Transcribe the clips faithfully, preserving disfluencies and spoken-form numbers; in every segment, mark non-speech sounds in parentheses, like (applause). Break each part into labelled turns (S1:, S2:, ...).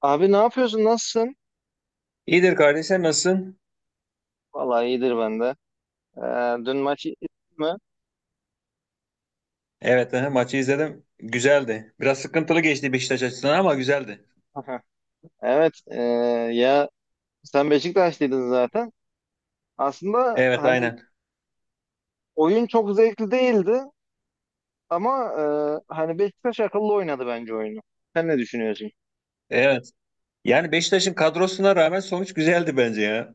S1: Abi ne yapıyorsun? Nasılsın?
S2: İyidir kardeşim nasılsın?
S1: Vallahi iyidir ben de. Ee, dün maçı izledin mi?
S2: Evet aha, maçı izledim. Güzeldi. Biraz sıkıntılı geçti Beşiktaş açısından ama güzeldi.
S1: Aha. (laughs) Evet. ee, ya sen Beşiktaşlıydın zaten. Aslında
S2: Evet
S1: hani
S2: aynen.
S1: oyun çok zevkli değildi ama ee, hani Beşiktaş akıllı oynadı bence oyunu. Sen ne düşünüyorsun?
S2: Evet. Yani Beşiktaş'ın kadrosuna rağmen sonuç güzeldi bence ya.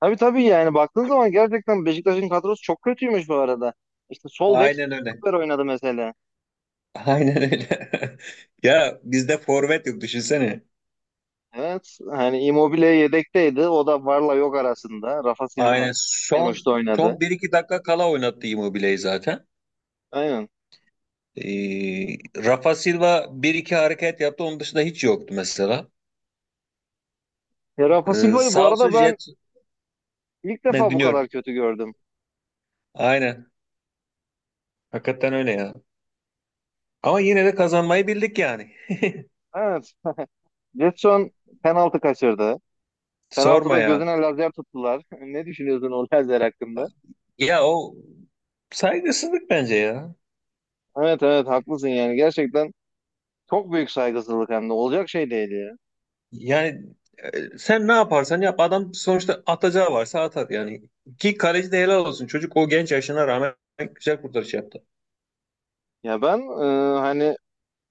S1: Tabii tabii yani baktığın zaman gerçekten Beşiktaş'ın kadrosu çok kötüymüş bu arada. İşte sol bek
S2: Aynen öyle.
S1: stoper oynadı mesela.
S2: Aynen öyle. (laughs) Ya bizde forvet yok düşünsene.
S1: Evet. Hani Immobile yedekteydi. O da varla yok arasında. Rafa Silva
S2: Aynen
S1: en
S2: son
S1: uçta oynadı.
S2: son bir iki dakika kala oynattı Immobile'yi zaten.
S1: Aynen.
S2: Ee, Rafa Silva bir iki hareket yaptı. Onun dışında hiç yoktu mesela.
S1: Ya Rafa
S2: Ee,
S1: Silva'yı bu
S2: sağ olsun
S1: arada ben
S2: Jet.
S1: ilk
S2: Ne
S1: defa bu kadar
S2: dinliyorum.
S1: kötü gördüm.
S2: Aynen. Hakikaten öyle ya. Ama yine de kazanmayı bildik yani.
S1: Evet. Jetson penaltı kaçırdı.
S2: Sorma
S1: Penaltıda
S2: ya.
S1: gözüne lazer tuttular. (laughs) Ne düşünüyorsun o lazer hakkında?
S2: Ya o saygısızlık bence ya.
S1: Evet evet haklısın yani. Gerçekten çok büyük saygısızlık hem de. Olacak şey değil ya.
S2: Yani e, sen ne yaparsan yap adam sonuçta atacağı varsa atar yani. Ki kaleci de helal olsun. Çocuk o genç yaşına rağmen güzel kurtarış yaptı.
S1: Ya ben e, hani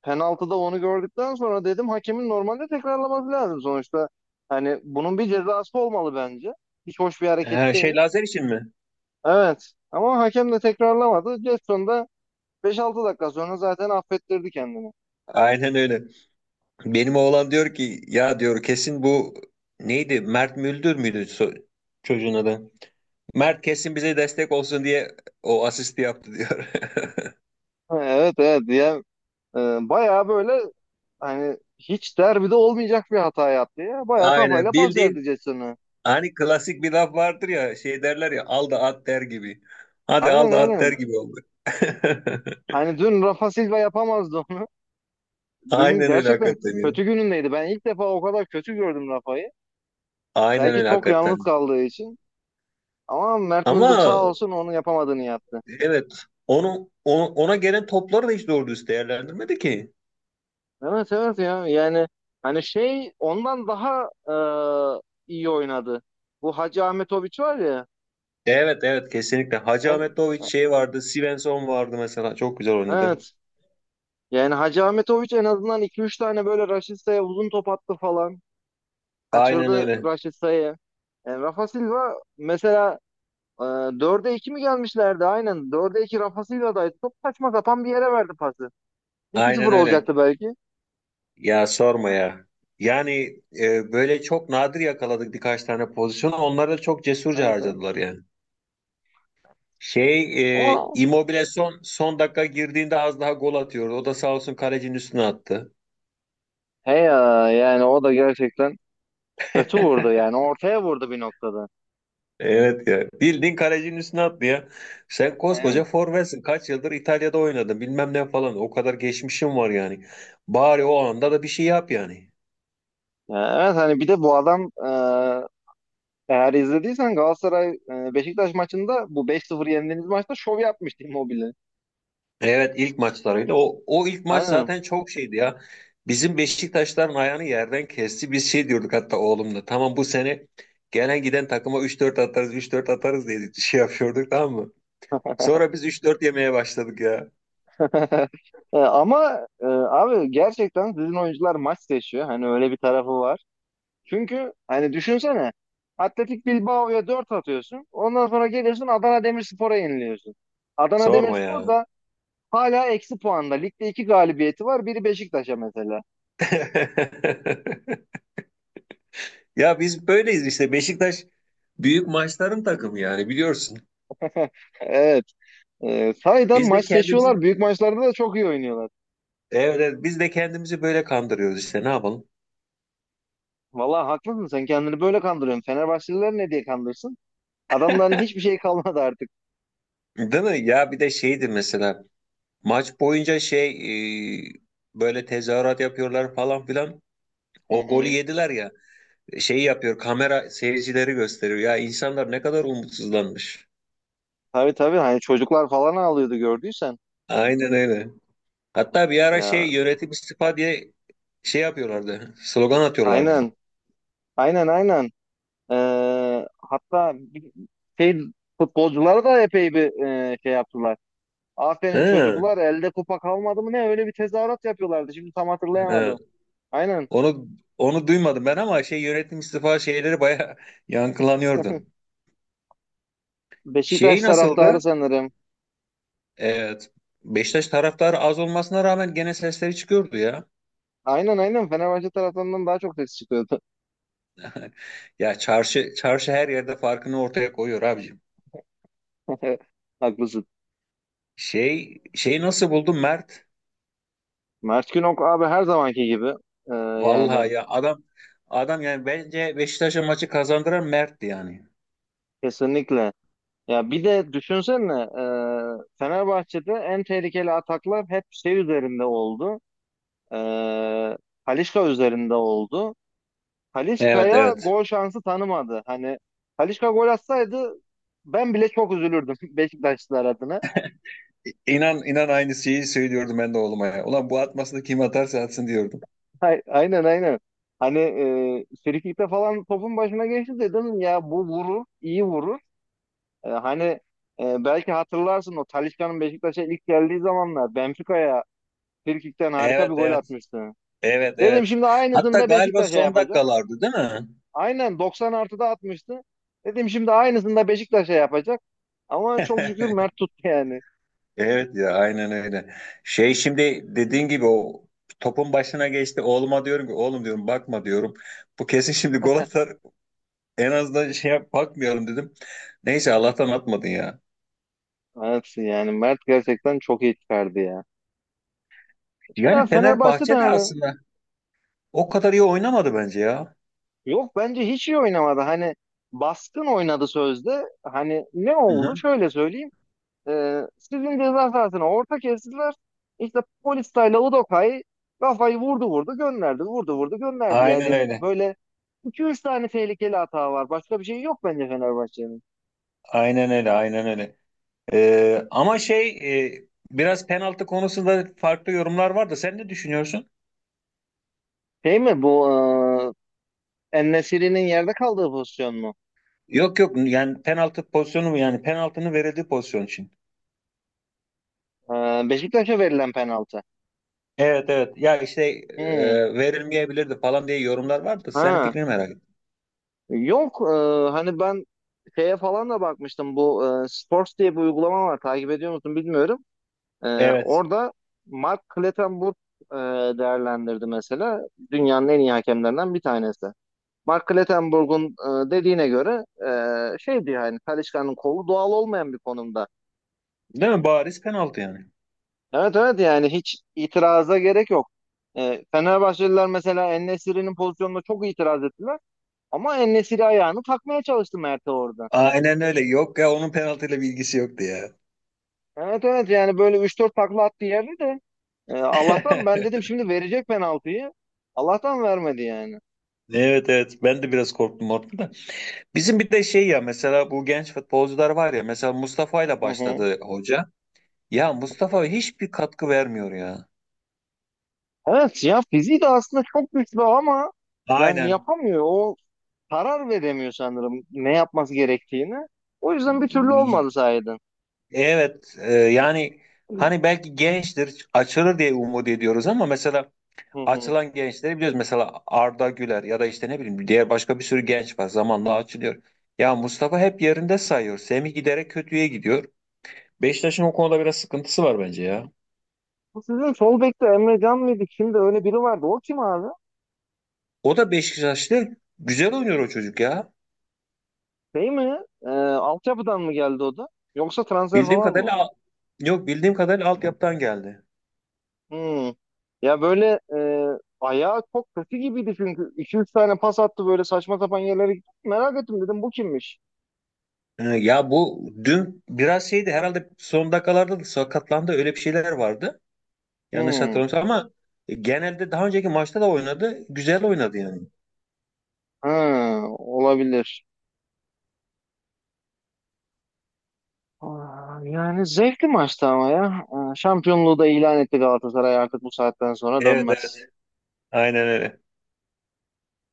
S1: penaltıda onu gördükten sonra dedim hakemin normalde tekrarlaması lazım sonuçta. Hani bunun bir cezası olmalı bence. Hiç hoş bir hareket
S2: Ha, şey
S1: değil.
S2: Lazer için mi?
S1: Evet. Ama hakem de tekrarlamadı. Jetson da beş altı dakika sonra zaten affettirdi kendini.
S2: Aynen öyle. Benim oğlan diyor ki ya diyor kesin bu neydi? Mert Müldür müydü so- çocuğun adı? Mert kesin bize destek olsun diye o asisti yaptı diyor.
S1: Ha, evet evet diye bayağı böyle hani hiç derbide olmayacak bir hata yaptı ya.
S2: (laughs)
S1: Bayağı kafayla
S2: Aynen
S1: pas verdi
S2: bildiğin.
S1: Jason'ı.
S2: Hani klasik bir laf vardır ya şey derler ya al da at der gibi. Hadi
S1: Aynen
S2: al da at der
S1: aynen.
S2: gibi oldu. (laughs)
S1: Hani dün Rafa Silva yapamazdı onu. (laughs) Dün
S2: Aynen öyle
S1: gerçekten
S2: hakikaten ya.
S1: kötü günündeydi. Ben ilk defa o kadar kötü gördüm Rafa'yı.
S2: Aynen
S1: Belki
S2: öyle
S1: çok yalnız
S2: hakikaten.
S1: kaldığı için. Ama Mert Müldür
S2: Ama
S1: sağ olsun onu yapamadığını yaptı.
S2: evet onu, onu- ona gelen topları da hiç doğru düz değerlendirmedi ki.
S1: Evet evet ya yani hani şey ondan daha e, iyi oynadı. Bu Hacı Ahmetoviç var ya.
S2: Evet evet kesinlikle. Hacı
S1: En,
S2: Ahmetoviç şey vardı. Svensson vardı mesela. Çok güzel oynadı.
S1: evet. Yani Hacı Ahmetoviç en azından iki üç tane böyle Raşitsa'ya uzun top attı falan.
S2: Aynen
S1: Kaçırdı
S2: öyle.
S1: Raşitsa'yı. Yani Rafa Silva mesela e, dörde iki mi gelmişlerdi? Aynen dörde iki Rafa Silva'daydı. Top saçma sapan bir yere verdi pası.
S2: Aynen
S1: iki sıfır
S2: öyle.
S1: olacaktı belki.
S2: Ya sorma ya. Yani e, böyle çok nadir yakaladık birkaç tane pozisyonu. Onları da çok cesurca
S1: Evet evet.
S2: harcadılar yani. Şey e,
S1: Ama
S2: Immobile son, son dakika girdiğinde az daha gol atıyordu. O da sağ olsun kalecinin üstüne attı.
S1: he ya yani o da gerçekten kötü vurdu yani
S2: (laughs)
S1: ortaya vurdu bir noktada.
S2: Evet ya. Bildiğin kalecinin üstüne attı ya. Sen
S1: Aynen.
S2: koskoca forvetsin. Kaç yıldır İtalya'da oynadın bilmem ne falan. O kadar geçmişim var yani. Bari o anda da bir şey yap yani.
S1: Ya evet hani bir de bu adam e, eğer izlediysen Galatasaray e, Beşiktaş maçında bu beş sıfır yendiğiniz maçta şov yapmıştı Immobile.
S2: Evet ilk maçlarıydı. O, o ilk maç
S1: Aynen.
S2: zaten çok şeydi ya. Bizim Beşiktaşların ayağını yerden kesti. Biz şey diyorduk hatta oğlumla. Tamam bu sene gelen giden takıma üç dört atarız üç dört atarız diye (laughs) şey yapıyorduk tamam mı? Sonra biz üç dört yemeye başladık ya.
S1: (laughs) E, Ama e, abi gerçekten sizin oyuncular maç seçiyor. Hani öyle bir tarafı var. Çünkü hani düşünsene Atletik Bilbao'ya dört atıyorsun. Ondan sonra geliyorsun Adana Demirspor'a yeniliyorsun. Adana
S2: Sorma
S1: Demirspor
S2: ya.
S1: da hala eksi puanda. Ligde iki galibiyeti var. Biri Beşiktaş'a mesela.
S2: (laughs) Ya biz böyleyiz işte. Beşiktaş büyük maçların takımı yani biliyorsun.
S1: (laughs) Evet. E, sahiden
S2: Biz de
S1: maç
S2: kendimizi
S1: seçiyorlar. Büyük maçlarda da çok iyi oynuyorlar.
S2: evet, evet, biz de kendimizi böyle kandırıyoruz işte ne yapalım.
S1: Vallahi haklısın. Sen kendini böyle kandırıyorsun. Fenerbahçeliler ne diye kandırsın? Adamların hiçbir şey kalmadı artık.
S2: Değil mi? Ya bir de şeydi mesela maç boyunca şey e, böyle tezahürat yapıyorlar falan filan.
S1: Hı
S2: O golü
S1: hı.
S2: yediler ya. Şeyi yapıyor kamera seyircileri gösteriyor. Ya insanlar ne kadar umutsuzlanmış.
S1: Tabii tabii hani çocuklar falan ağlıyordu gördüysen.
S2: Aynen öyle. Hatta bir ara
S1: Ya
S2: şey yönetim istifa diye şey yapıyorlardı. Slogan atıyorlardı.
S1: aynen aynen aynen. Ee, hatta bir- şey futbolculara da epey bir e, şey yaptılar. Aferin
S2: He,
S1: çocuklar elde kupa kalmadı mı ne öyle bir tezahürat yapıyorlardı. Şimdi tam
S2: he.
S1: hatırlayamadım. Aynen
S2: Onu onu duymadım ben ama şey yönetim istifa şeyleri bayağı (laughs) yankılanıyordu. Şey
S1: Beşiktaş taraftarı
S2: nasıldı?
S1: sanırım.
S2: Evet. Beşiktaş taraftarı az olmasına rağmen gene sesleri çıkıyordu ya.
S1: Aynen aynen Fenerbahçe taraftarından daha çok ses çıkıyordu.
S2: (laughs) Ya çarşı çarşı her yerde farkını ortaya koyuyor abicim.
S1: (laughs) Haklısın.
S2: Şey şey nasıl buldun Mert?
S1: Mert Günok abi her zamanki gibi. Ee, yani
S2: Vallahi ya adam adam yani bence Beşiktaş'a maçı kazandıran Mert'ti yani.
S1: kesinlikle. Ya bir de düşünsene e, Fenerbahçe'de en tehlikeli ataklar hep şey üzerinde oldu. E, Talisca üzerinde oldu.
S2: Evet
S1: Talisca'ya
S2: evet.
S1: gol şansı tanımadı. Hani Talisca gol atsaydı ben bile çok üzülürdüm (laughs) Beşiktaşlılar adına.
S2: İnan inan aynı şeyi söylüyordum ben de oğluma ya. Ulan bu atmasını kim atarsa atsın diyordum.
S1: Ay- Aynen aynen. Hani e, frikikte falan topun başına geçti dedim ya bu vurur, iyi vurur. E, hani e, belki hatırlarsın o Talisca'nın Beşiktaş'a ilk geldiği zamanlar Benfica'ya frikikten harika
S2: Evet
S1: bir gol
S2: evet.
S1: atmıştı.
S2: Evet
S1: Dedim
S2: evet.
S1: şimdi aynısını
S2: Hatta
S1: da
S2: galiba
S1: Beşiktaş'a
S2: son
S1: yapacak.
S2: dakikalardı değil mi?
S1: Aynen doksan artıda atmıştı. Dedim şimdi aynısını da Beşiktaş'a yapacak. Ama çok şükür
S2: (laughs)
S1: Mert tuttu yani.
S2: Evet ya aynen öyle. Şey şimdi dediğin gibi o topun başına geçti. Oğluma diyorum ki oğlum diyorum bakma diyorum. Bu kesin şimdi gol atar. En azından şey yap, bakmayalım dedim. Neyse Allah'tan atmadın ya.
S1: Mert'sin yani. Mert gerçekten çok iyi çıkardı ya. Ya
S2: Yani
S1: Fenerbahçe de
S2: Fenerbahçe de
S1: hani
S2: aslında o kadar iyi oynamadı bence ya.
S1: yok bence hiç iyi oynamadı. Hani baskın oynadı sözde. Hani ne
S2: Hı
S1: oldu?
S2: hı.
S1: Şöyle söyleyeyim. Ee, sizin ceza sahasına orta kestiler. İşte polis tayla Udokay kafayı vurdu vurdu gönderdi. Vurdu vurdu gönderdi.
S2: Aynen
S1: Yani
S2: öyle.
S1: böyle iki üç tane tehlikeli hata var. Başka bir şey yok bence Fenerbahçe'nin.
S2: Aynen öyle. Aynen öyle. Ee, ama şey e, biraz penaltı konusunda farklı yorumlar var da sen ne düşünüyorsun?
S1: Şey mi bu e, En-Nesyri'nin yerde kaldığı pozisyon mu?
S2: Yok yok yani penaltı pozisyonu mu yani penaltının verildiği pozisyon için.
S1: E, Beşiktaş'a verilen penaltı.
S2: Evet evet ya işte
S1: Hmm.
S2: e, verilmeyebilirdi falan diye yorumlar vardı. Senin
S1: Ha.
S2: fikrini merak ettim.
S1: Yok e, hani ben şeye falan da bakmıştım. Bu e, Sports diye bir uygulama var. Takip ediyor musun bilmiyorum. Ee,
S2: Evet.
S1: orada Mark Clattenburg e, değerlendirdi mesela. Dünyanın en iyi hakemlerinden bir tanesi. Mark Clattenburg'un e, dediğine göre e, şeydi yani Talisca'nın kolu doğal olmayan bir konumda.
S2: Değil mi? Bariz penaltı yani.
S1: Evet evet yani hiç itiraza gerek yok. E, Fenerbahçeliler mesela En-Nesyri'nin pozisyonuna çok itiraz ettiler. Ama En-Nesyri ayağını takmaya çalıştı Mert'e orada.
S2: Aynen öyle. Yok ya onun penaltıyla bir ilgisi yoktu ya.
S1: Evet evet yani böyle üç dört takla attı yerde de e, Allah'tan ben
S2: (laughs)
S1: dedim şimdi verecek penaltıyı. Allah'tan vermedi yani.
S2: Evet evet ben de biraz korktum orada da. Bizim bir de şey ya mesela bu genç futbolcular var ya mesela Mustafa ile
S1: Hı hı.
S2: başladı hoca. Ya Mustafa hiçbir katkı vermiyor ya.
S1: Evet ya fiziği de aslında çok güçlü ama yani
S2: Aynen.
S1: yapamıyor. O karar veremiyor sanırım ne yapması gerektiğini. O yüzden bir türlü olmadı sahiden.
S2: Evet e, yani hani belki gençtir açılır diye umut ediyoruz ama mesela
S1: Hı hı.
S2: açılan gençleri biliyoruz. Mesela Arda Güler ya da işte ne bileyim diğer başka bir sürü genç var zamanla açılıyor. Ya Mustafa hep yerinde sayıyor. Semih giderek kötüye gidiyor. Beşiktaş'ın o konuda biraz sıkıntısı var bence ya.
S1: Bu sizin sol bekte Emre Can mıydı? Kimdi? Öyle biri vardı. O kim abi?
S2: O da Beşiktaş'ta güzel oynuyor o çocuk ya.
S1: Şey mi? Ee, altyapıdan mı geldi o da? Yoksa transfer
S2: Bildiğim
S1: falan mı?
S2: kadarıyla yok bildiğim kadarıyla altyapıdan geldi.
S1: Hmm. Ya böyle e, ayağı çok kötü gibiydi çünkü. iki üç tane pas attı böyle saçma sapan yerlere gitti. Merak ettim dedim bu kimmiş?
S2: Ee, Ya bu dün biraz şeydi herhalde son dakikalarda da sakatlandı öyle bir şeyler vardı. Yanlış
S1: Hmm.
S2: hatırlamıyorsam ama genelde daha önceki maçta da oynadı. Güzel oynadı yani.
S1: Ha, olabilir. Aa, yani zevkli maçtı ama ya. Ee, Şampiyonluğu da ilan etti Galatasaray artık bu saatten sonra
S2: Evet
S1: dönmez.
S2: evet. Aynen öyle.